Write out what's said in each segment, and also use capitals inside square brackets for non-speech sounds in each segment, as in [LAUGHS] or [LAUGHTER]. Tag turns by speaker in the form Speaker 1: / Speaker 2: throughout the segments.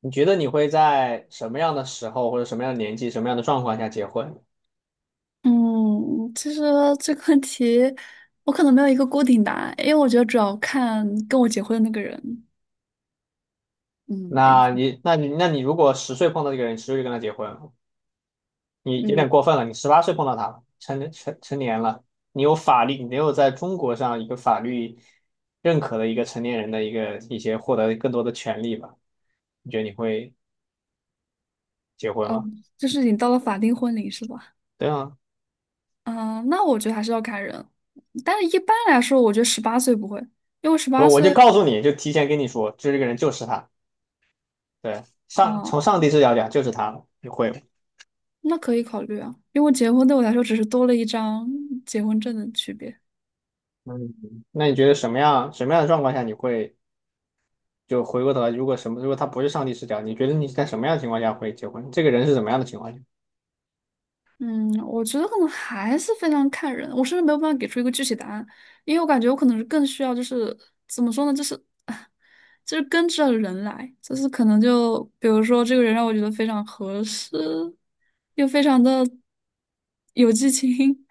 Speaker 1: 你觉得你会在什么样的时候或者什么样的年纪、什么样的状况下结婚？
Speaker 2: 嗯，其实 [LAUGHS] 这个问题我可能没有一个固定答案，因为我觉得主要看跟我结婚的那个人。
Speaker 1: 那
Speaker 2: 嗯。
Speaker 1: 你、那你、那你如果十岁碰到这个人，十岁就跟他结婚了，你有
Speaker 2: 嗯。
Speaker 1: 点过分了。你18岁碰到他了，成年了，你有法律，你没有在中国上一个法律认可的一个成年人的一些获得更多的权利吧？你觉得你会结婚
Speaker 2: 哦，
Speaker 1: 吗？
Speaker 2: 就是你到了法定婚龄是吧？
Speaker 1: 对啊，
Speaker 2: 啊、那我觉得还是要看人，但是一般来说，我觉得十八岁不会，因为十
Speaker 1: 我
Speaker 2: 八
Speaker 1: 我就
Speaker 2: 岁，
Speaker 1: 告诉你，就提前跟你说，就这个人就是他，对，
Speaker 2: 啊，
Speaker 1: 从上帝视角讲就是他了，你会吗？
Speaker 2: 那可以考虑啊，因为结婚对我来说只是多了一张结婚证的区别。
Speaker 1: 嗯，那你觉得什么样的状况下你会就回过头来？如果他不是上帝视角，你觉得你在什么样的情况下会结婚？这个人是怎么样的情况下？
Speaker 2: 嗯，我觉得可能还是非常看人，我甚至没有办法给出一个具体答案，因为我感觉我可能是更需要就是怎么说呢，就是 [LAUGHS] 就是跟着人来，就是可能就比如说这个人让我觉得非常合适，又非常的有激情，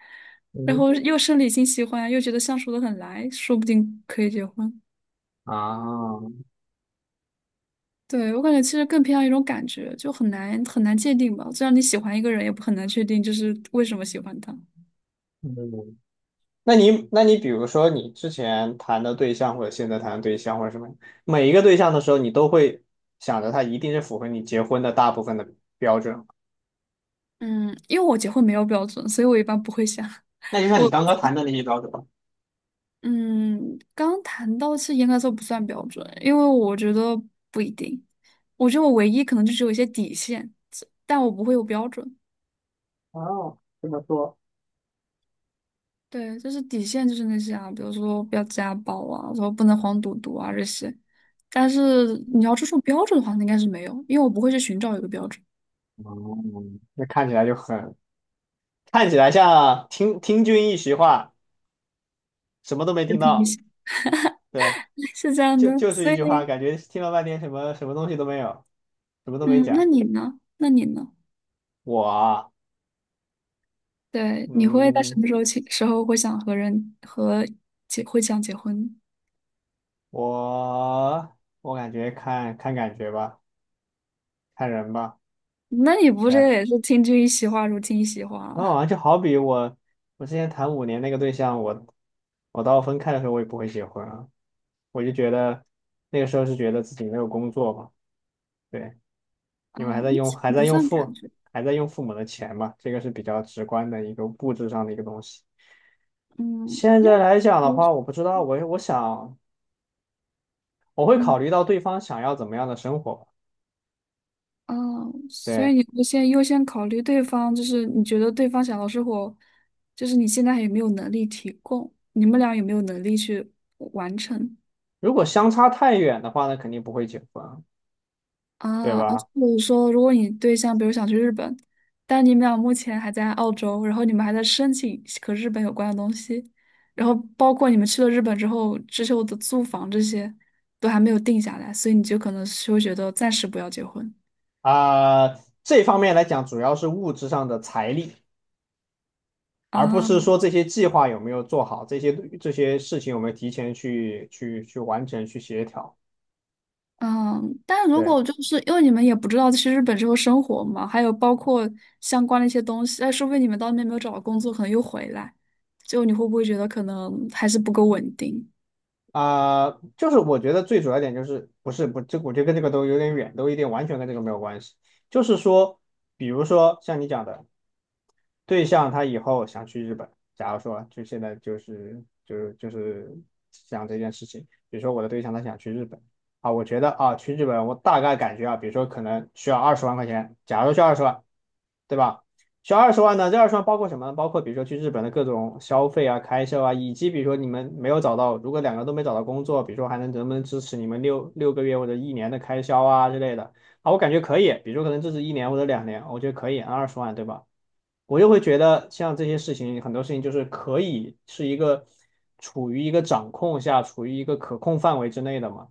Speaker 2: 然
Speaker 1: 嗯
Speaker 2: 后又生理性喜欢，又觉得相处的很来，说不定可以结婚。
Speaker 1: 啊，
Speaker 2: 对，我感觉其实更偏向一种感觉，就很难很难界定吧。就像你喜欢一个人，也不很难确定就是为什么喜欢他。
Speaker 1: 嗯，那你比如说你之前谈的对象或者现在谈的对象或者什么，每一个对象的时候，你都会想着他一定是符合你结婚的大部分的标准。
Speaker 2: 嗯，因为我结婚没有标准，所以我一般不会想。
Speaker 1: 那
Speaker 2: [LAUGHS]
Speaker 1: 就像
Speaker 2: 我
Speaker 1: 你
Speaker 2: 我
Speaker 1: 刚刚谈的那些标准吧。
Speaker 2: 嗯，刚谈到是应该说不算标准，因为我觉得不一定。我觉得我唯一可能就是有一些底线，但我不会有标准。
Speaker 1: 哦，这么说。
Speaker 2: 对，就是底线就是那些啊，比如说不要家暴啊，说不能黄赌毒啊这些。但是你要注重标准的话，那应该是没有，因为我不会去寻找一个标准。
Speaker 1: 哦，那看起来就很，看起来像听君一席话，什么都没
Speaker 2: 就
Speaker 1: 听
Speaker 2: 凭一
Speaker 1: 到。
Speaker 2: 些
Speaker 1: 对，
Speaker 2: [LAUGHS] 是这样
Speaker 1: 就
Speaker 2: 的，
Speaker 1: 就是
Speaker 2: 所
Speaker 1: 一
Speaker 2: 以
Speaker 1: 句话，感觉听了半天什么什么东西都没有，什么都没
Speaker 2: 嗯，那
Speaker 1: 讲。
Speaker 2: 你呢？那你呢？
Speaker 1: 我啊，
Speaker 2: 对，你会在什
Speaker 1: 嗯，
Speaker 2: 么时候起时候会想和人和结会想结婚？
Speaker 1: 我感觉看看感觉吧，看人吧。
Speaker 2: 那你不
Speaker 1: 对，
Speaker 2: 是
Speaker 1: 然
Speaker 2: 也是听君一席话，如听一席话
Speaker 1: 后好
Speaker 2: 啊？
Speaker 1: 像就好比我之前谈5年那个对象，我到分开的时候我也不会结婚啊，我就觉得那个时候是觉得自己没有工作嘛，对，
Speaker 2: 嗯，
Speaker 1: 因为还在
Speaker 2: 那
Speaker 1: 用
Speaker 2: 这
Speaker 1: 还
Speaker 2: 个
Speaker 1: 在
Speaker 2: 不
Speaker 1: 用
Speaker 2: 算感
Speaker 1: 父
Speaker 2: 觉。
Speaker 1: 还在用父母的钱嘛，这个是比较直观的一个物质上的一个东西。
Speaker 2: 嗯，
Speaker 1: 现
Speaker 2: 那
Speaker 1: 在来讲的
Speaker 2: 其实
Speaker 1: 话，我不知道，我想我会考
Speaker 2: 嗯。
Speaker 1: 虑到对方想要怎么样的生活吧。
Speaker 2: 哦，所
Speaker 1: 对，
Speaker 2: 以你会先优先考虑对方，就是你觉得对方想要生活，就是你现在还有没有能力提供，你们俩有没有能力去完成？
Speaker 1: 如果相差太远的话，那肯定不会结婚，对
Speaker 2: 啊啊，
Speaker 1: 吧？
Speaker 2: 就是说，如果你对象比如想去日本，但你们俩目前还在澳洲，然后你们还在申请和日本有关的东西，然后包括你们去了日本之后，之后的租房这些都还没有定下来，所以你就可能是会觉得暂时不要结婚
Speaker 1: 啊、这方面来讲，主要是物质上的财力，而不是
Speaker 2: 啊。
Speaker 1: 说这些计划有没有做好，这些事情有没有提前去完成、去协调。
Speaker 2: 嗯，但如
Speaker 1: 对，
Speaker 2: 果就是因为你们也不知道去日本之后生活嘛，还有包括相关的一些东西，哎，说不定你们到那边没有找到工作，可能又回来，就你会不会觉得可能还是不够稳定？
Speaker 1: 啊、就是我觉得最主要一点就是不是不这我觉得跟这个都有点远，都有点完全跟这个没有关系。就是说，比如说像你讲的。对象他以后想去日本，假如说就现在就是想这件事情，比如说我的对象他想去日本啊，我觉得啊去日本我大概感觉啊，比如说可能需要20万块钱，假如需要二十万，对吧？需要二十万呢，这二十万包括什么呢？包括比如说去日本的各种消费啊、开销啊，以及比如说你们没有找到，如果两个都没找到工作，比如说还能不能支持你们六个月或者一年的开销啊之类的啊，我感觉可以，比如说可能支持一年或者2年，我觉得可以，二十万对吧？我又会觉得像这些事情，很多事情就是可以是一个处于一个掌控下，处于一个可控范围之内的嘛。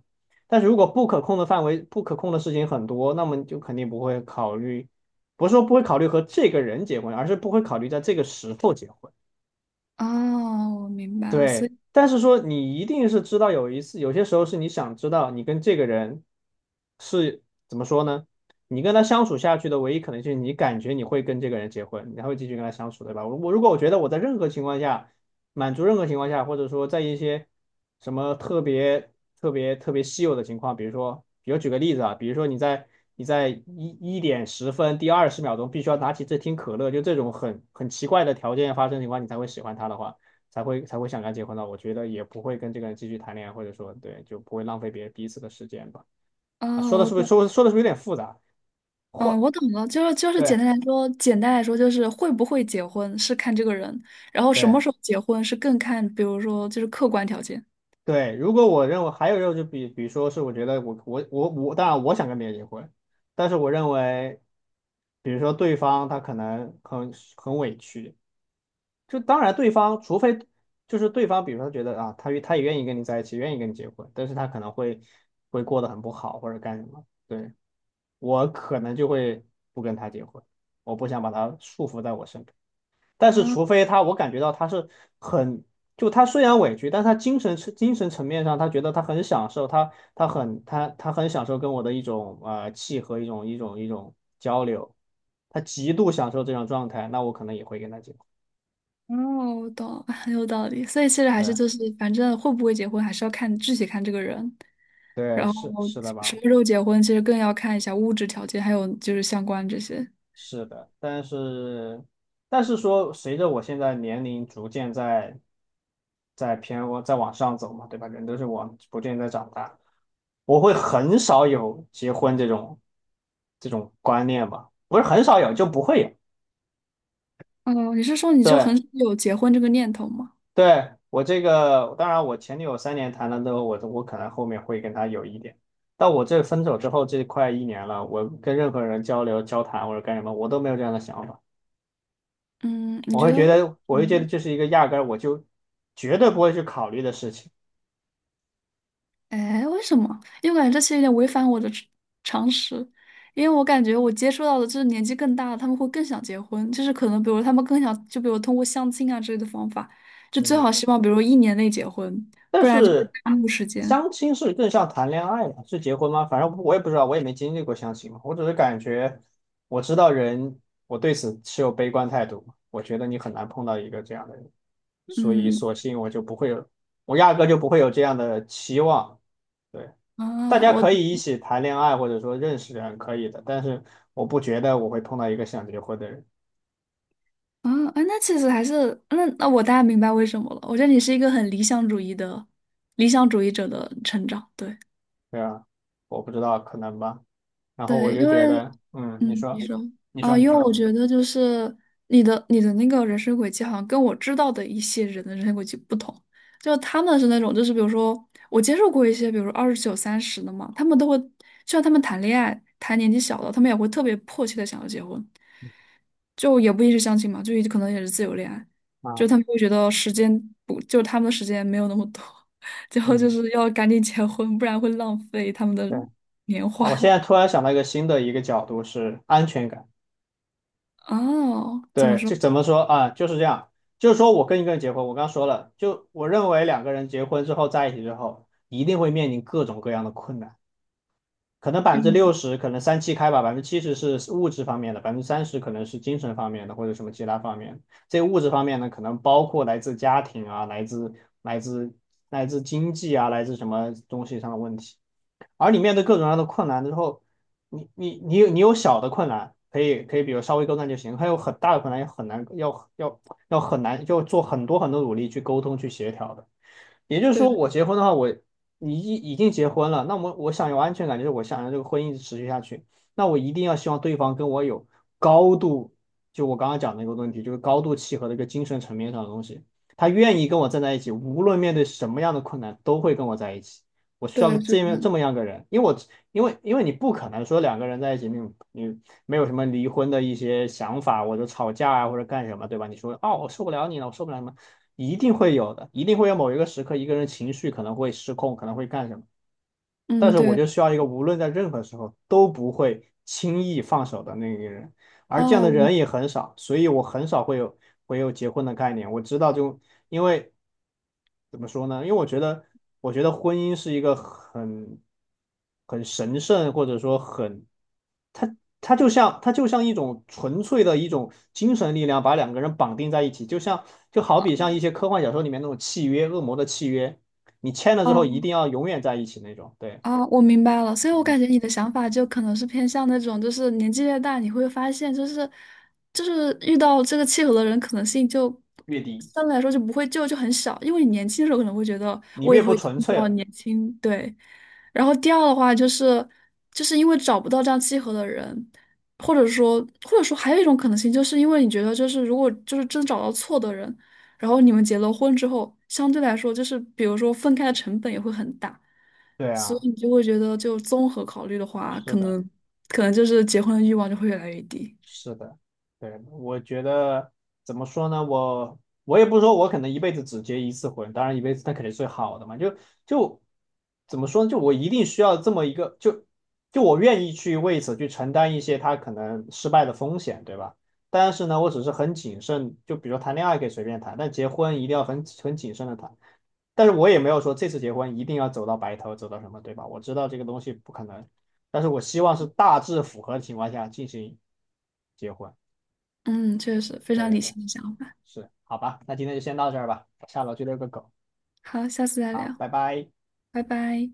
Speaker 1: 但是如果不可控的范围、不可控的事情很多，那么你就肯定不会考虑，不是说不会考虑和这个人结婚，而是不会考虑在这个时候结婚。
Speaker 2: 哦，我明白了，所
Speaker 1: 对，
Speaker 2: 以，
Speaker 1: 但是说你一定是知道有一次，有些时候是你想知道你跟这个人是怎么说呢？你跟他相处下去的唯一可能性，你感觉你会跟这个人结婚，你还会继续跟他相处，对吧？我如果我觉得我在任何情况下满足任何情况下，或者说在一些什么特别特别特别稀有的情况，比如说，比如举个例子啊，比如说你在一点十分第20秒钟必须要拿起这听可乐，就这种很奇怪的条件发生情况，你才会喜欢他的话。才会想跟他结婚的。我觉得也不会跟这个人继续谈恋爱，或者说对，就不会浪费别人彼此的时间吧。啊，
Speaker 2: 哦，我懂，
Speaker 1: 说的是不是有点复杂？
Speaker 2: 嗯，
Speaker 1: 或
Speaker 2: 我懂了，就是简
Speaker 1: 对
Speaker 2: 单来说，简单来说就是会不会结婚是看这个人，然后什么
Speaker 1: 对
Speaker 2: 时候结婚是更看，比如说就是客观条件。
Speaker 1: 对，如果我认为还有一种就比如说是我觉得我，当然我想跟别人结婚，但是我认为，比如说对方他可能很委屈，就当然对方除非。就是对方，比如说觉得啊，他也愿意跟你在一起，愿意跟你结婚，但是他可能会过得很不好或者干什么。对，我可能就会不跟他结婚，我不想把他束缚在我身边。但是，
Speaker 2: 啊，
Speaker 1: 除非他，我感觉到他是很，就他虽然委屈，但他精神层面上，他觉得他很享受，他很享受跟我的一种契合，一种交流，他极度享受这种状态，那我可能也会跟他结婚。
Speaker 2: 哦，我懂了很 [LAUGHS] 有道理。所以其实还是
Speaker 1: 对
Speaker 2: 就是，反正会不会结婚还是要看具体看这个人，
Speaker 1: 对，
Speaker 2: 然
Speaker 1: 是
Speaker 2: 后
Speaker 1: 是的
Speaker 2: 什
Speaker 1: 吧？
Speaker 2: 么时候结婚，其实更要看一下物质条件，还有就是相关这些。
Speaker 1: 是的，但是说，随着我现在年龄逐渐在往上走嘛，对吧？人都是往逐渐在长大，我会很少有结婚这种观念吧，不是很少有就不会有。
Speaker 2: 哦，你是说你就
Speaker 1: 对
Speaker 2: 很少有结婚这个念头吗？
Speaker 1: 对，我这个当然，我前女友3年谈了之后，我可能后面会跟她有一点，但我这分手之后这快一年了，我跟任何人交流交谈或者干什么，我都没有这样的想法。
Speaker 2: 嗯，你
Speaker 1: 我
Speaker 2: 觉
Speaker 1: 会
Speaker 2: 得？
Speaker 1: 觉得，我会觉得
Speaker 2: 嗯。
Speaker 1: 这是一个压根儿我就绝对不会去考虑的事情。
Speaker 2: 哎，为什么？因为我感觉这其实有点违反我的常识，因为我感觉我接触到的就是年纪更大的，他们会更想结婚，就是可能比如他们更想，就比如通过相亲啊之类的方法，就最
Speaker 1: 嗯，
Speaker 2: 好希望比如1年内结婚，
Speaker 1: 但
Speaker 2: 不然就会
Speaker 1: 是
Speaker 2: 耽误时间。
Speaker 1: 相亲是更像谈恋爱嘛，是结婚吗？反正我也不知道，我也没经历过相亲嘛。我只是感觉，我知道人，我对此持有悲观态度嘛我觉得你很难碰到一个这样的人，所以
Speaker 2: 嗯。
Speaker 1: 索性我就不会有，我压根就不会有这样的期望。对，大
Speaker 2: 啊，
Speaker 1: 家
Speaker 2: 我。
Speaker 1: 可以一起谈恋爱，或者说认识人可以的，但是我不觉得我会碰到一个想结婚的人。
Speaker 2: 啊啊，那其实还是那我大概明白为什么了。我觉得你是一个很理想主义的理想主义者的成长，对。
Speaker 1: 对啊，我不知道，可能吧。然后我
Speaker 2: 对，
Speaker 1: 就
Speaker 2: 因
Speaker 1: 觉
Speaker 2: 为
Speaker 1: 得，嗯，你
Speaker 2: 嗯，你
Speaker 1: 说，
Speaker 2: 说
Speaker 1: 你
Speaker 2: 啊，
Speaker 1: 说，你
Speaker 2: 因为
Speaker 1: 说，
Speaker 2: 我觉得就是你的那个人生轨迹，好像跟我知道的一些人的人生轨迹不同。就他们是那种，就是比如说我接触过一些，比如说29、30的嘛，他们都会，就算他们谈恋爱，谈年纪小的，他们也会特别迫切的想要结婚，就也不一定是相亲嘛，就可能也是自由恋爱，就
Speaker 1: 啊，
Speaker 2: 他们会觉得时间不，就他们的时间没有那么多，[LAUGHS] 最后就
Speaker 1: 嗯，
Speaker 2: 是要赶紧结婚，不然会浪费他们的
Speaker 1: 对，
Speaker 2: 年华。
Speaker 1: 我现在突
Speaker 2: [LAUGHS]
Speaker 1: 然想到一个新的角度是安全感。
Speaker 2: 哦，怎么
Speaker 1: 对，
Speaker 2: 说？
Speaker 1: 就怎么说啊，就是这样，就是说我跟一个人结婚，我刚说了，就我认为两个人结婚之后在一起之后，一定会面临各种各样的困难。可能百分之六
Speaker 2: 嗯，
Speaker 1: 十，可能三七开吧，70%是物质方面的，30%可能是精神方面的或者什么其他方面。这物质方面呢，可能包括来自家庭啊，来自来自经济啊，来自什么东西上的问题。而你面对各种各样的困难之后，你有小的困难，可以可以，比如稍微沟通就行；还有很大的困难，也很难，要很难，要做很多很多努力去沟通去协调的。也就是说，
Speaker 2: 对
Speaker 1: 我结婚的话，你已经结婚了，那我想有安全感，就是我想让这个婚姻持续下去，那我一定要希望对方跟我有高度，就我刚刚讲的那个问题，就是高度契合的一个精神层面上的东西，他愿
Speaker 2: 对
Speaker 1: 意跟我站在一起，无论面对什么样的困难，都会跟我在一起。我需要个
Speaker 2: 对，就
Speaker 1: 这
Speaker 2: 这
Speaker 1: 么这
Speaker 2: 样。
Speaker 1: 么样个人，因为你不可能说两个人在一起，你没有什么离婚的一些想法，或者吵架啊，或者干什么，对吧？你说哦，我受不了你了，我受不了什么，一定会有的，一定会有某一个时刻，一个人情绪可能会失控，可能会干什么。但
Speaker 2: 嗯，
Speaker 1: 是我
Speaker 2: 对。
Speaker 1: 就需要一个无论在任何时候都不会轻易放手的那个人，而这样
Speaker 2: 啊，
Speaker 1: 的
Speaker 2: 我。
Speaker 1: 人也很少，所以我很少会有结婚的概念。我知道就，因为怎么说呢？因为我觉得婚姻是一个很神圣，或者说很，它它就像一种纯粹的一种精神力量，把两个人绑定在一起，就好
Speaker 2: 啊
Speaker 1: 比像一些科幻小说里面那种契约，恶魔的契约。你签了之后一定要永远在一起那种。对，
Speaker 2: 啊，我明白了。所以我感觉你的想法就可能是偏向那种，就是年纪越大，你会发现，就是遇到这个契合的人可能性就
Speaker 1: 越低，
Speaker 2: 相对来说就不会就很小，因为你年轻的时候可能会觉得
Speaker 1: 你
Speaker 2: 我也
Speaker 1: 越不
Speaker 2: 会一定
Speaker 1: 纯
Speaker 2: 遇
Speaker 1: 粹
Speaker 2: 到
Speaker 1: 了。
Speaker 2: 年轻，对。然后第二的话就是，就是因为找不到这样契合的人，或者说还有一种可能性，就是因为你觉得就是如果就是真找到错的人。然后你们结了婚之后，相对来说就是比如说分开的成本也会很大，
Speaker 1: 对
Speaker 2: 所
Speaker 1: 啊，
Speaker 2: 以你就会觉得就综合考虑的话，
Speaker 1: 是
Speaker 2: 可
Speaker 1: 的，
Speaker 2: 能可能就是结婚的欲望就会越来越低。
Speaker 1: 是的，对，我觉得怎么说呢？我也不说，我可能一辈子只结一次婚，当然一辈子那肯定是最好的嘛。就怎么说呢？就我一定需要这么一个，就我愿意去为此去承担一些他可能失败的风险，对吧？但是呢，我只是很谨慎，就比如说谈恋爱可以随便谈，但结婚一定要很谨慎的谈。但是我也没有说这次结婚一定要走到白头，走到什么，对吧？我知道这个东西不可能，但是我希望是大致符合的情况下进行结婚。
Speaker 2: 嗯，确实非
Speaker 1: 对
Speaker 2: 常
Speaker 1: 对
Speaker 2: 理
Speaker 1: 对，
Speaker 2: 性的想法。
Speaker 1: 是，好吧，那今天就先到这儿吧，下楼去遛个狗，
Speaker 2: 好，下次再
Speaker 1: 好，
Speaker 2: 聊，
Speaker 1: 拜拜。
Speaker 2: 拜拜。